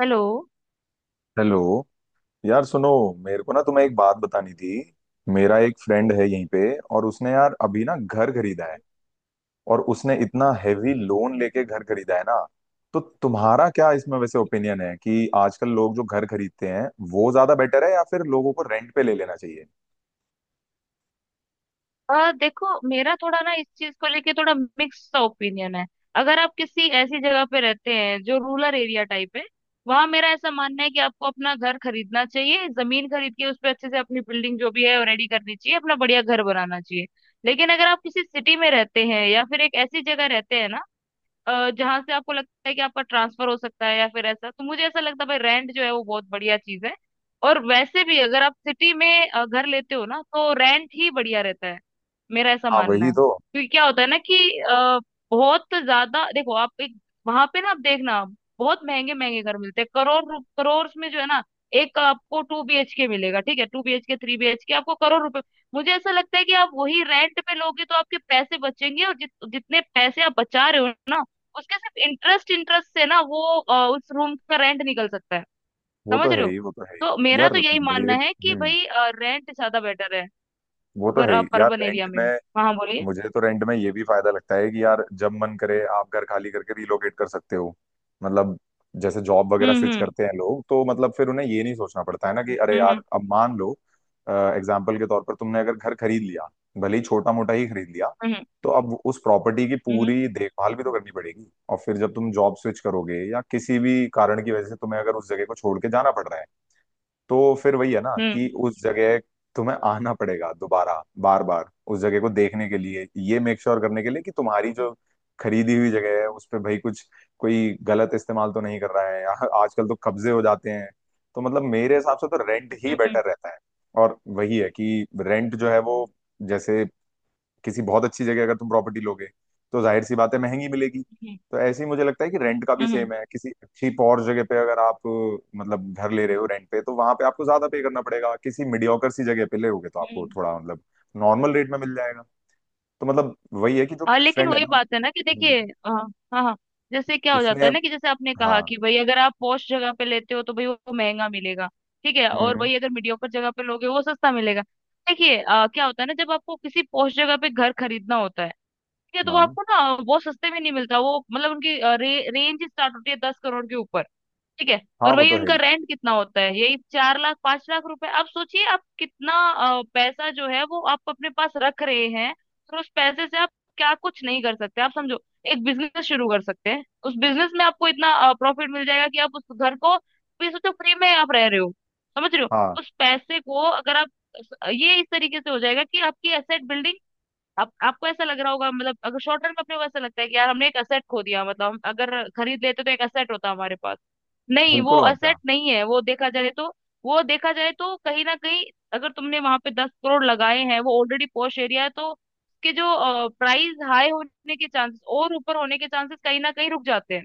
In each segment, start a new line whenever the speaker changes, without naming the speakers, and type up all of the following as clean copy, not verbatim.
Hello.
Hello. यार सुनो, मेरे को ना तुम्हें एक बात बतानी थी। मेरा एक फ्रेंड है यहीं पे, और उसने यार अभी ना घर खरीदा है। और उसने इतना हेवी लोन लेके घर खरीदा है ना। तो तुम्हारा क्या इसमें वैसे ओपिनियन है कि आजकल लोग जो घर खरीदते हैं वो ज्यादा बेटर है, या फिर लोगों को रेंट पे ले लेना चाहिए?
देखो मेरा थोड़ा ना इस चीज को लेके थोड़ा मिक्स सा ओपिनियन है। अगर आप किसी ऐसी जगह पे रहते हैं जो रूरल एरिया टाइप है, वहां मेरा ऐसा मानना है कि आपको अपना घर खरीदना चाहिए, जमीन खरीद के उस पर अच्छे से अपनी बिल्डिंग जो भी है रेडी करनी चाहिए, अपना बढ़िया घर बनाना चाहिए। लेकिन अगर आप किसी सिटी में रहते हैं या फिर एक ऐसी जगह रहते हैं ना, जहां से आपको लगता है कि आपका ट्रांसफर हो सकता है या फिर ऐसा, तो मुझे ऐसा लगता है भाई रेंट जो है वो बहुत बढ़िया चीज है। और वैसे भी अगर आप सिटी में घर लेते हो ना तो रेंट ही बढ़िया रहता है। मेरा ऐसा
हाँ
मानना
वही
है,
तो।
क्योंकि क्या होता है ना कि बहुत ज्यादा देखो आप एक, वहां पे ना आप देखना बहुत महंगे महंगे घर मिलते हैं करोड़ करोड़ में जो है ना। एक आपको 2BHK मिलेगा, ठीक है, 2BHK 3BHK आपको करोड़ रुपए। मुझे ऐसा लगता है कि आप वही रेंट पे लोगे तो आपके पैसे बचेंगे, और जितने पैसे आप बचा रहे हो ना, उसके सिर्फ इंटरेस्ट इंटरेस्ट से ना वो उस रूम का रेंट निकल सकता है।
वो तो
समझ रहे
है
हो।
ही, वो तो है
तो
ही
मेरा
यार।
तो यही
मेरे
मानना है कि
हम्म।
भाई रेंट ज्यादा बेटर है,
वो तो
अगर
है ही
आप
यार,
अर्बन एरिया
रेंट
में हो।
में।
हाँ, बोलिए।
मुझे तो रेंट में ये भी फायदा लगता है कि यार जब मन करे आप घर खाली करके रिलोकेट कर सकते हो। मतलब जैसे जॉब वगैरह
हम्म,
स्विच
हम्म,
करते हैं लोग, तो मतलब फिर उन्हें ये नहीं सोचना पड़ता है ना कि अरे
हम्म,
यार, अब मान लो एग्जाम्पल के तौर पर तुमने अगर घर खरीद लिया, भले ही छोटा मोटा ही खरीद लिया,
हम्म,
तो अब उस प्रॉपर्टी की
हम्म,
पूरी देखभाल भी तो करनी पड़ेगी। और फिर जब तुम जॉब स्विच करोगे या किसी भी कारण की वजह से तुम्हें अगर उस जगह को छोड़ के जाना पड़ रहा है, तो फिर वही है ना कि
हम्म,
उस जगह तुम्हें आना पड़ेगा दोबारा, बार बार उस जगह को देखने के लिए, ये मेक श्योर करने के लिए कि तुम्हारी जो खरीदी हुई जगह है उस पे भाई कुछ कोई गलत इस्तेमाल तो नहीं कर रहा है, या आजकल तो कब्जे हो जाते हैं। तो मतलब मेरे हिसाब से तो रेंट ही
हम्म, हम्म,
बेटर रहता है। और वही है कि रेंट जो है वो, जैसे किसी बहुत अच्छी जगह अगर तुम प्रॉपर्टी लोगे तो जाहिर सी बात है महंगी मिलेगी।
हम्म,
तो ऐसे ही मुझे लगता है कि रेंट का भी
हम्म, हम्म,
सेम है, किसी अच्छी और जगह पे अगर आप मतलब घर ले रहे हो रेंट पे, तो वहां पे आपको ज्यादा पे करना पड़ेगा, किसी मीडियोकर सी जगह पे ले होगे तो आपको
हम्म।
थोड़ा मतलब नॉर्मल रेट में मिल जाएगा। तो मतलब वही है कि जो
और
मेरा
लेकिन
फ्रेंड है
वही
ना।
बात है ना कि देखिए
हम्म,
हाँ हाँ। जैसे क्या हो जाता
उसने।
है ना कि जैसे आपने
हाँ।
कहा कि भाई अगर आप पॉश जगह पे लेते हो तो भाई वो महंगा मिलेगा, ठीक है,
हम्म,
और
हम्म,
वही अगर मीडियोकर जगह पे लोगे वो सस्ता मिलेगा। देखिए क्या होता है ना, जब आपको किसी पॉश जगह पे घर खरीदना होता है, ठीक है, तो वो
हाँ
आपको ना बहुत सस्ते में नहीं मिलता, वो मतलब उनकी रेंज स्टार्ट होती है 10 करोड़ के ऊपर, ठीक है।
हाँ,
और
वो
वही
तो है
उनका
ही।
रेंट कितना होता है, यही 4 लाख 5 लाख रुपए। आप सोचिए आप कितना पैसा जो है वो आप अपने पास रख रहे हैं। और उस पैसे से आप क्या कुछ नहीं कर सकते, आप समझो, एक बिजनेस शुरू कर सकते हैं, उस बिजनेस में आपको इतना प्रॉफिट मिल जाएगा कि आप उस घर को भी सोचो फ्री में आप रह रहे हो। समझ रहे हो।
हाँ,
उस पैसे को अगर आप ये इस तरीके से हो जाएगा कि आपकी एसेट बिल्डिंग, आपको ऐसा लग रहा होगा मतलब अगर शॉर्ट टर्म में अपने को ऐसा लगता है कि यार हमने एक एसेट खो दिया, मतलब हम अगर खरीद लेते तो एक एसेट होता हमारे पास। नहीं, वो
बिल्कुल और क्या।
असेट नहीं है, वो देखा जाए तो, वो देखा जाए तो कहीं ना कहीं अगर तुमने वहां पे 10 करोड़ लगाए हैं, वो ऑलरेडी पॉश एरिया है, तो उसके जो प्राइस हाई होने के चांसेस और ऊपर होने के चांसेस कहीं ना कहीं रुक जाते हैं,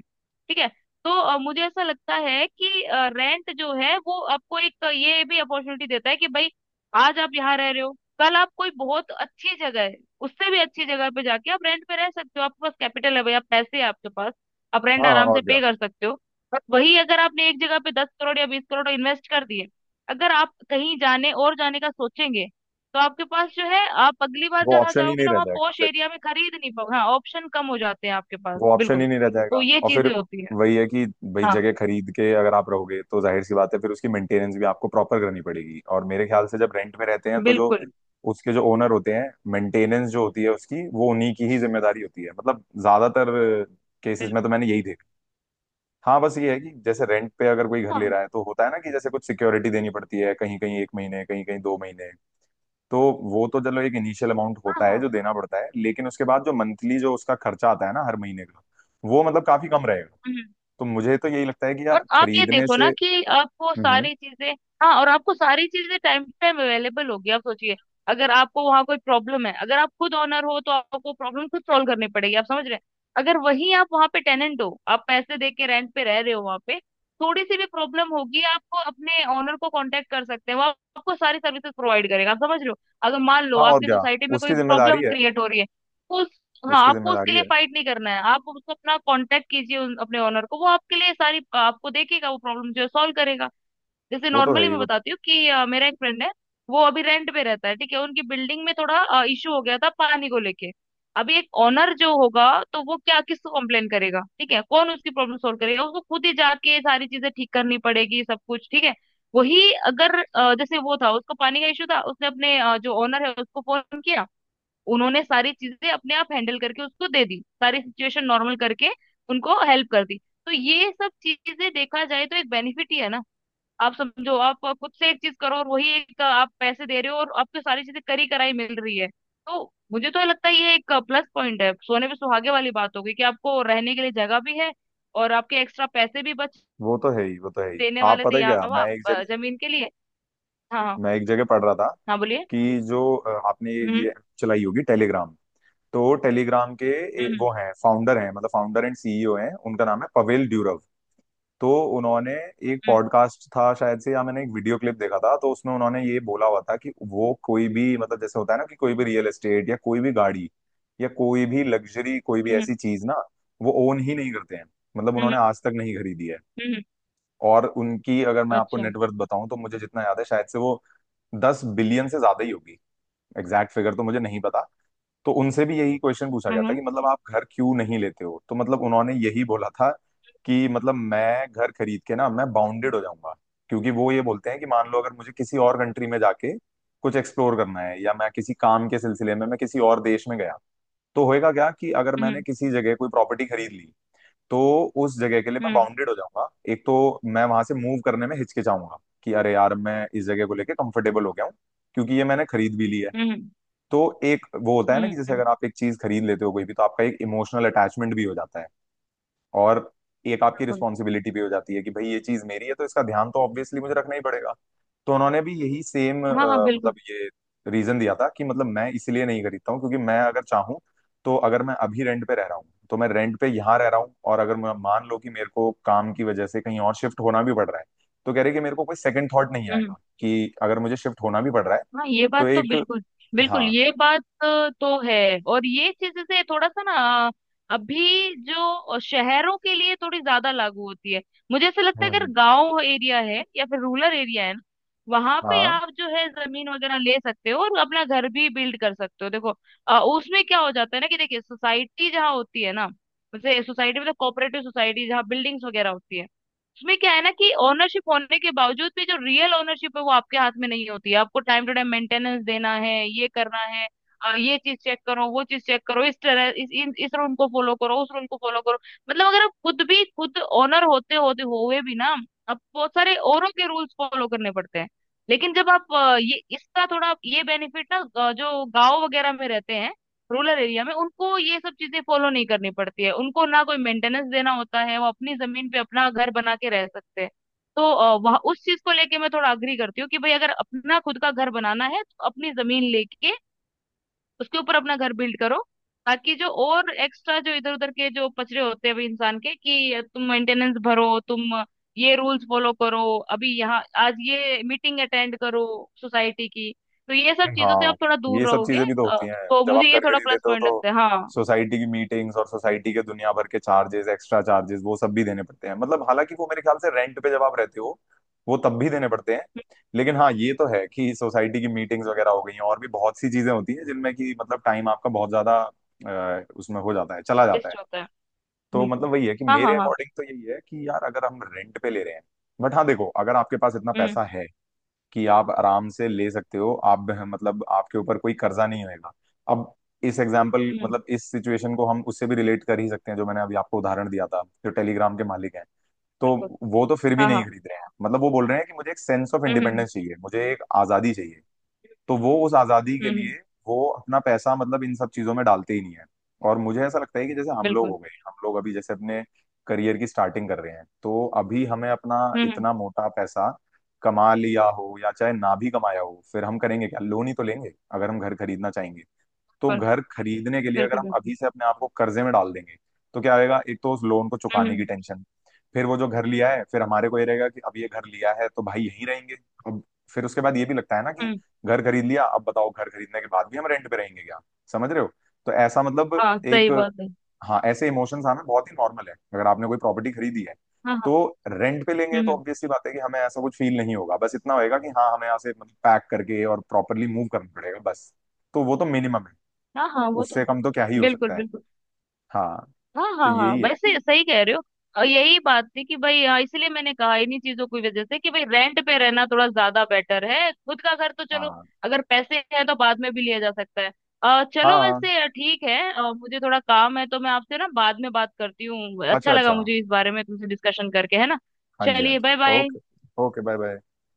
ठीक है। तो मुझे ऐसा लगता है कि रेंट जो है वो आपको एक ये भी अपॉर्चुनिटी देता है कि भाई आज आप यहाँ रह रहे हो, कल आप कोई बहुत अच्छी जगह है, उससे भी अच्छी जगह पे जाके आप रेंट पे रह सकते हो, आपके पास कैपिटल है भाई, आप पैसे हैं आपके पास, आप रेंट
हाँ हाँ,
आराम से
और क्या।
पे कर सकते हो। और वही अगर आपने एक जगह पे दस करोड़ या 20 करोड़ इन्वेस्ट कर दिए, अगर आप कहीं जाने और जाने का सोचेंगे, तो आपके पास जो है आप अगली बार
वो
जहाँ
ऑप्शन ही
जाओगे
नहीं
ना
रह
वहाँ पॉश
जाएगा,
एरिया में खरीद नहीं पाओगे, हाँ, ऑप्शन कम हो जाते हैं आपके पास,
वो ऑप्शन
बिल्कुल।
ही नहीं रह
तो
जाएगा।
ये
और फिर
चीजें होती है।
वही है कि भाई
हाँ।
जगह खरीद के अगर आप रहोगे तो जाहिर सी बात है फिर उसकी मेंटेनेंस भी आपको प्रॉपर करनी पड़ेगी। और मेरे ख्याल से जब रेंट पे रहते हैं, तो जो
बिल्कुल।
उसके जो ओनर होते हैं, मेंटेनेंस जो होती है उसकी वो उन्हीं की ही जिम्मेदारी होती है, मतलब ज्यादातर केसेस में तो
बिल्कुल।
मैंने यही देखा। हाँ, बस ये है कि जैसे रेंट पे अगर कोई घर ले
हाँ
रहा है तो होता है ना कि जैसे कुछ सिक्योरिटी देनी पड़ती है, कहीं कहीं 1 महीने, कहीं कहीं 2 महीने। तो वो तो चलो एक इनिशियल अमाउंट होता
हाँ
है जो देना पड़ता है, लेकिन उसके बाद जो मंथली जो उसका खर्चा आता है ना हर महीने का, वो मतलब काफी कम रहेगा।
हाँ।
तो मुझे तो यही लगता है कि
और
यार
आप ये
खरीदने
देखो
से।
ना कि आपको
हम्म।
सारी चीजें, हाँ और आपको सारी चीजें टाइम टू टाइम अवेलेबल होगी। आप सोचिए, अगर आपको वहाँ कोई प्रॉब्लम है, अगर आप खुद ओनर हो तो आपको प्रॉब्लम खुद सॉल्व करनी पड़ेगी, आप समझ रहे हैं। अगर वहीं आप वहाँ पे टेनेंट हो, आप पैसे दे के रेंट पे रह रहे हो वहाँ पे, थोड़ी सी भी प्रॉब्लम होगी आपको, अपने ओनर को कांटेक्ट कर सकते हैं, वो आपको सारी सर्विसेज प्रोवाइड करेगा, आप समझ रहे हो। अगर मान लो
हाँ और
आपकी
क्या।
सोसाइटी में कोई
उसकी जिम्मेदारी
प्रॉब्लम
है,
क्रिएट हो रही है तो, हाँ,
उसकी
आपको उसके
जिम्मेदारी
लिए
है।
फाइट नहीं करना है, आप उसको अपना कांटेक्ट कीजिए अपने ओनर को, वो आपके लिए सारी आपको देखेगा, वो प्रॉब्लम जो है सॉल्व करेगा। जैसे
वो तो है
नॉर्मली
ही।
मैं बताती हूँ कि मेरा एक फ्रेंड है, वो अभी रेंट पे रहता है, ठीक है, उनकी बिल्डिंग में थोड़ा इशू हो गया था पानी को लेके। अभी एक ओनर जो होगा, तो वो क्या किसको कंप्लेन करेगा, ठीक है, कौन उसकी प्रॉब्लम सॉल्व करेगा, उसको खुद ही जाके सारी चीजें ठीक करनी पड़ेगी सब कुछ, ठीक है। वही अगर जैसे वो था उसको पानी का इशू था, उसने अपने जो ओनर है उसको फोन किया, उन्होंने सारी चीजें अपने आप हैंडल करके उसको दे दी, सारी सिचुएशन नॉर्मल करके उनको हेल्प कर दी। तो ये सब चीजें देखा जाए तो एक बेनिफिट ही है ना। आप समझो, आप खुद से एक चीज करो, और वही एक आप पैसे दे रहे हो और आपको सारी चीजें करी कराई मिल रही है। तो मुझे तो लगता है ये एक प्लस पॉइंट है, सोने पे सुहागे वाली बात हो गई कि आपको रहने के लिए जगह भी है और आपके एक्स्ट्रा पैसे भी बच,
वो तो है ही, वो तो है ही।
देने
आप
वाले थे
पता है क्या,
यहाँ आप जमीन के लिए। हाँ हाँ।
मैं एक जगह पढ़ रहा था
हाँ, बोलिए।
कि जो आपने ये
हम्म।
ये app चलाई होगी, टेलीग्राम। तो टेलीग्राम के
हम्म।
वो हैं फाउंडर, हैं मतलब फाउंडर एंड सीईओ हैं। उनका नाम है पवेल ड्यूरव। तो उन्होंने, एक
हम्म।
पॉडकास्ट था शायद से या मैंने एक वीडियो क्लिप देखा था, तो उसमें उन्होंने ये बोला हुआ था कि वो कोई भी, मतलब जैसे होता है ना कि कोई भी रियल एस्टेट, या कोई भी गाड़ी, या कोई भी लग्जरी, कोई भी
हम्म।
ऐसी चीज ना, वो ओन ही नहीं करते हैं। मतलब
हम्म।
उन्होंने आज तक नहीं खरीदी है।
हम्म, हम्म,
और उनकी अगर मैं आपको
अच्छा।
नेटवर्थ बताऊं, तो मुझे जितना याद है शायद से वो 10 बिलियन से ज्यादा ही होगी। एग्जैक्ट फिगर तो मुझे नहीं पता। तो उनसे भी यही क्वेश्चन पूछा गया था
हम्म।
कि मतलब आप घर क्यों नहीं लेते हो, तो मतलब उन्होंने यही बोला था कि मतलब मैं घर खरीद के ना मैं बाउंडेड हो जाऊंगा। क्योंकि वो ये बोलते हैं कि मान लो अगर मुझे किसी और कंट्री में जाके कुछ एक्सप्लोर करना है, या मैं किसी काम के सिलसिले में मैं किसी और देश में गया, तो होएगा क्या कि अगर मैंने
हम्म।
किसी जगह कोई प्रॉपर्टी खरीद ली, तो उस जगह के लिए मैं
हम्म।
बाउंडेड हो जाऊंगा। एक तो मैं वहां से मूव करने में हिचकिचाऊंगा कि अरे यार, मैं इस जगह को लेके कंफर्टेबल हो गया हूँ, क्योंकि ये मैंने खरीद भी ली है।
हम्म।
तो एक वो होता है ना कि जैसे
हम्म।
अगर आप एक चीज खरीद लेते हो कोई भी, तो आपका एक इमोशनल अटैचमेंट भी हो जाता है। और एक आपकी
बिल्कुल।
रिस्पॉन्सिबिलिटी भी हो जाती है कि भाई ये चीज मेरी है तो इसका ध्यान तो ऑब्वियसली मुझे रखना ही पड़ेगा। तो उन्होंने भी यही सेम
हाँ हाँ
मतलब
बिल्कुल।
ये रीजन दिया था कि मतलब मैं इसलिए नहीं खरीदता हूँ, क्योंकि मैं अगर चाहूँ, तो अगर मैं अभी रेंट पे रह रहा हूँ तो मैं रेंट पे यहाँ रह रहा हूँ, और अगर मान लो कि मेरे को काम की वजह से कहीं और शिफ्ट होना भी पड़ रहा है, तो कह रहे कि मेरे को कोई सेकंड थॉट नहीं
हम्म।
आएगा कि अगर मुझे शिफ्ट होना भी पड़ रहा है।
हाँ ये
तो
बात तो
एक
बिल्कुल, बिल्कुल
हाँ।
ये बात तो है। और ये चीजें से थोड़ा सा ना, अ, अभी जो शहरों के लिए थोड़ी ज्यादा लागू होती है। मुझे ऐसा लगता है अगर
हम्म।
गांव एरिया है या फिर रूरल एरिया है ना, वहां पे
हाँ
आप जो है जमीन वगैरह ले सकते हो और अपना घर भी बिल्ड कर सकते हो, देखो उसमें क्या हो जाता है ना कि देखिए सोसाइटी जहाँ होती है ना, जैसे सोसाइटी मतलब कोऑपरेटिव सोसाइटी जहाँ बिल्डिंग्स वगैरह होती है, उसमें क्या है ना कि ओनरशिप होने के बावजूद भी जो रियल ओनरशिप है वो आपके हाथ में नहीं होती है, आपको टाइम टू टाइम मेंटेनेंस देना है, ये करना है, और ये चीज चेक करो वो चीज चेक करो, इस तरह इस रूल को फॉलो करो, उस रूल को फॉलो करो। मतलब अगर आप खुद भी खुद ओनर होते होते हुए भी ना, आप बहुत सारे औरों के रूल्स फॉलो करने पड़ते हैं। लेकिन जब आप ये इसका थोड़ा ये बेनिफिट ना, जो गांव वगैरह में रहते हैं रूरल एरिया में, उनको ये सब चीजें फॉलो नहीं करनी पड़ती है, उनको ना कोई मेंटेनेंस देना होता है, वो अपनी जमीन पे अपना घर बना के रह सकते हैं। तो वह उस चीज को लेके मैं थोड़ा अग्री करती हूँ कि भाई अगर अपना खुद का घर बनाना है तो अपनी जमीन लेके उसके ऊपर अपना घर बिल्ड करो, ताकि जो और एक्स्ट्रा जो इधर उधर के जो पचड़े होते हैं अभी इंसान के कि तुम मेंटेनेंस भरो, तुम ये रूल्स फॉलो करो, अभी यहाँ आज ये मीटिंग अटेंड करो सोसाइटी की, तो ये सब चीजों से आप
हाँ,
थोड़ा
ये
दूर
सब
रहोगे।
चीजें भी तो
अ,
होती हैं।
तो
जब
मुझे
आप
ये
घर
थोड़ा
खरीद
प्लस
लेते हो
पॉइंट
तो
लगता है। हाँ।
सोसाइटी की मीटिंग्स, और सोसाइटी के दुनिया भर के चार्जेस, एक्स्ट्रा चार्जेस वो सब भी देने पड़ते हैं। मतलब हालांकि वो मेरे ख्याल से रेंट पे जब आप रहते हो वो तब भी देने पड़ते हैं। लेकिन हाँ, ये तो है कि सोसाइटी की मीटिंग्स वगैरह हो गई हैं, और भी बहुत सी चीजें होती हैं जिनमें कि मतलब टाइम आपका बहुत ज्यादा उसमें हो जाता है, चला जाता है।
बेस्ट होता है।
तो
बिल्कुल।
मतलब वही है कि
हाँ हाँ
मेरे
हाँ।
अकॉर्डिंग तो यही है कि यार अगर हम रेंट पे ले रहे हैं। बट हाँ देखो, अगर आपके पास इतना
हम्म।
पैसा है कि आप आराम से ले सकते हो, आप मतलब आपके ऊपर कोई कर्जा नहीं होएगा। अब इस एग्जाम्पल,
हम्म।
मतलब इस सिचुएशन को हम उससे भी रिलेट कर ही सकते हैं जो मैंने अभी आपको उदाहरण दिया था, जो टेलीग्राम के मालिक हैं। तो
बिल्कुल।
वो तो फिर भी
हाँ
नहीं
हाँ।
खरीद रहे हैं, मतलब वो बोल रहे हैं कि मुझे एक sense of
hmm. Hmm.
Independence चाहिए, मुझे एक आजादी चाहिए। तो वो उस आजादी
हम्म।
के लिए वो अपना पैसा मतलब इन सब चीजों में डालते ही नहीं है। और मुझे ऐसा लगता है कि जैसे हम लोग
बिल्कुल।
हो गए, हम लोग अभी जैसे अपने करियर की स्टार्टिंग कर रहे हैं, तो अभी हमें अपना
हम्म। हम्म।
इतना मोटा पैसा कमा लिया हो या चाहे ना भी कमाया हो, फिर हम करेंगे क्या, लोन ही तो लेंगे अगर हम घर खरीदना चाहेंगे। तो
बिल्कुल।
घर खरीदने के लिए अगर
बिल्कुल।
हम
बिल्कुल।
अभी से अपने आप को कर्जे में डाल देंगे, तो क्या आएगा, एक तो उस लोन को
हम्म।
चुकाने की
हम्म।
टेंशन। फिर वो जो घर लिया है फिर हमारे को ये रहेगा कि अब ये घर लिया है तो भाई यहीं रहेंगे। अब फिर उसके बाद ये भी लगता है ना कि
हम्म,
घर खरीद लिया, अब बताओ घर खरीदने के बाद भी हम रेंट पे रहेंगे क्या? समझ रहे हो? तो ऐसा मतलब
हाँ सही
एक
बात है।
हाँ, ऐसे इमोशंस आना बहुत ही नॉर्मल है अगर आपने कोई प्रॉपर्टी खरीदी है।
हाँ हाँ।
तो रेंट पे लेंगे
हम्म।
तो
हम्म।
ऑब्वियसली बात है कि हमें ऐसा कुछ फील नहीं होगा, बस इतना होएगा कि हाँ, हमें यहाँ से मतलब पैक करके और प्रॉपरली मूव करना पड़ेगा बस। तो वो तो मिनिमम है,
हाँ हाँ वो तो।
उससे कम तो क्या ही हो
बिल्कुल।
सकता है।
बिल्कुल।
हाँ,
हाँ
तो
हाँ हाँ
यही है कि
वैसे सही कह रहे हो। और यही बात थी कि भाई हाँ, इसलिए मैंने कहा, इन्हीं चीजों की वजह से कि भाई रेंट पे रहना थोड़ा ज्यादा बेटर है, खुद का घर तो चलो
हाँ
अगर पैसे हैं तो बाद में भी लिया जा सकता है।
हाँ
चलो
हाँ।
वैसे ठीक है, मुझे थोड़ा काम है, तो मैं आपसे ना बाद में बात करती हूँ, अच्छा
अच्छा
लगा
अच्छा।
मुझे इस बारे में तुमसे डिस्कशन करके, है ना।
हाँ जी, हाँ
चलिए, बाय
जी।
Bye.
Okay. Okay, bye bye.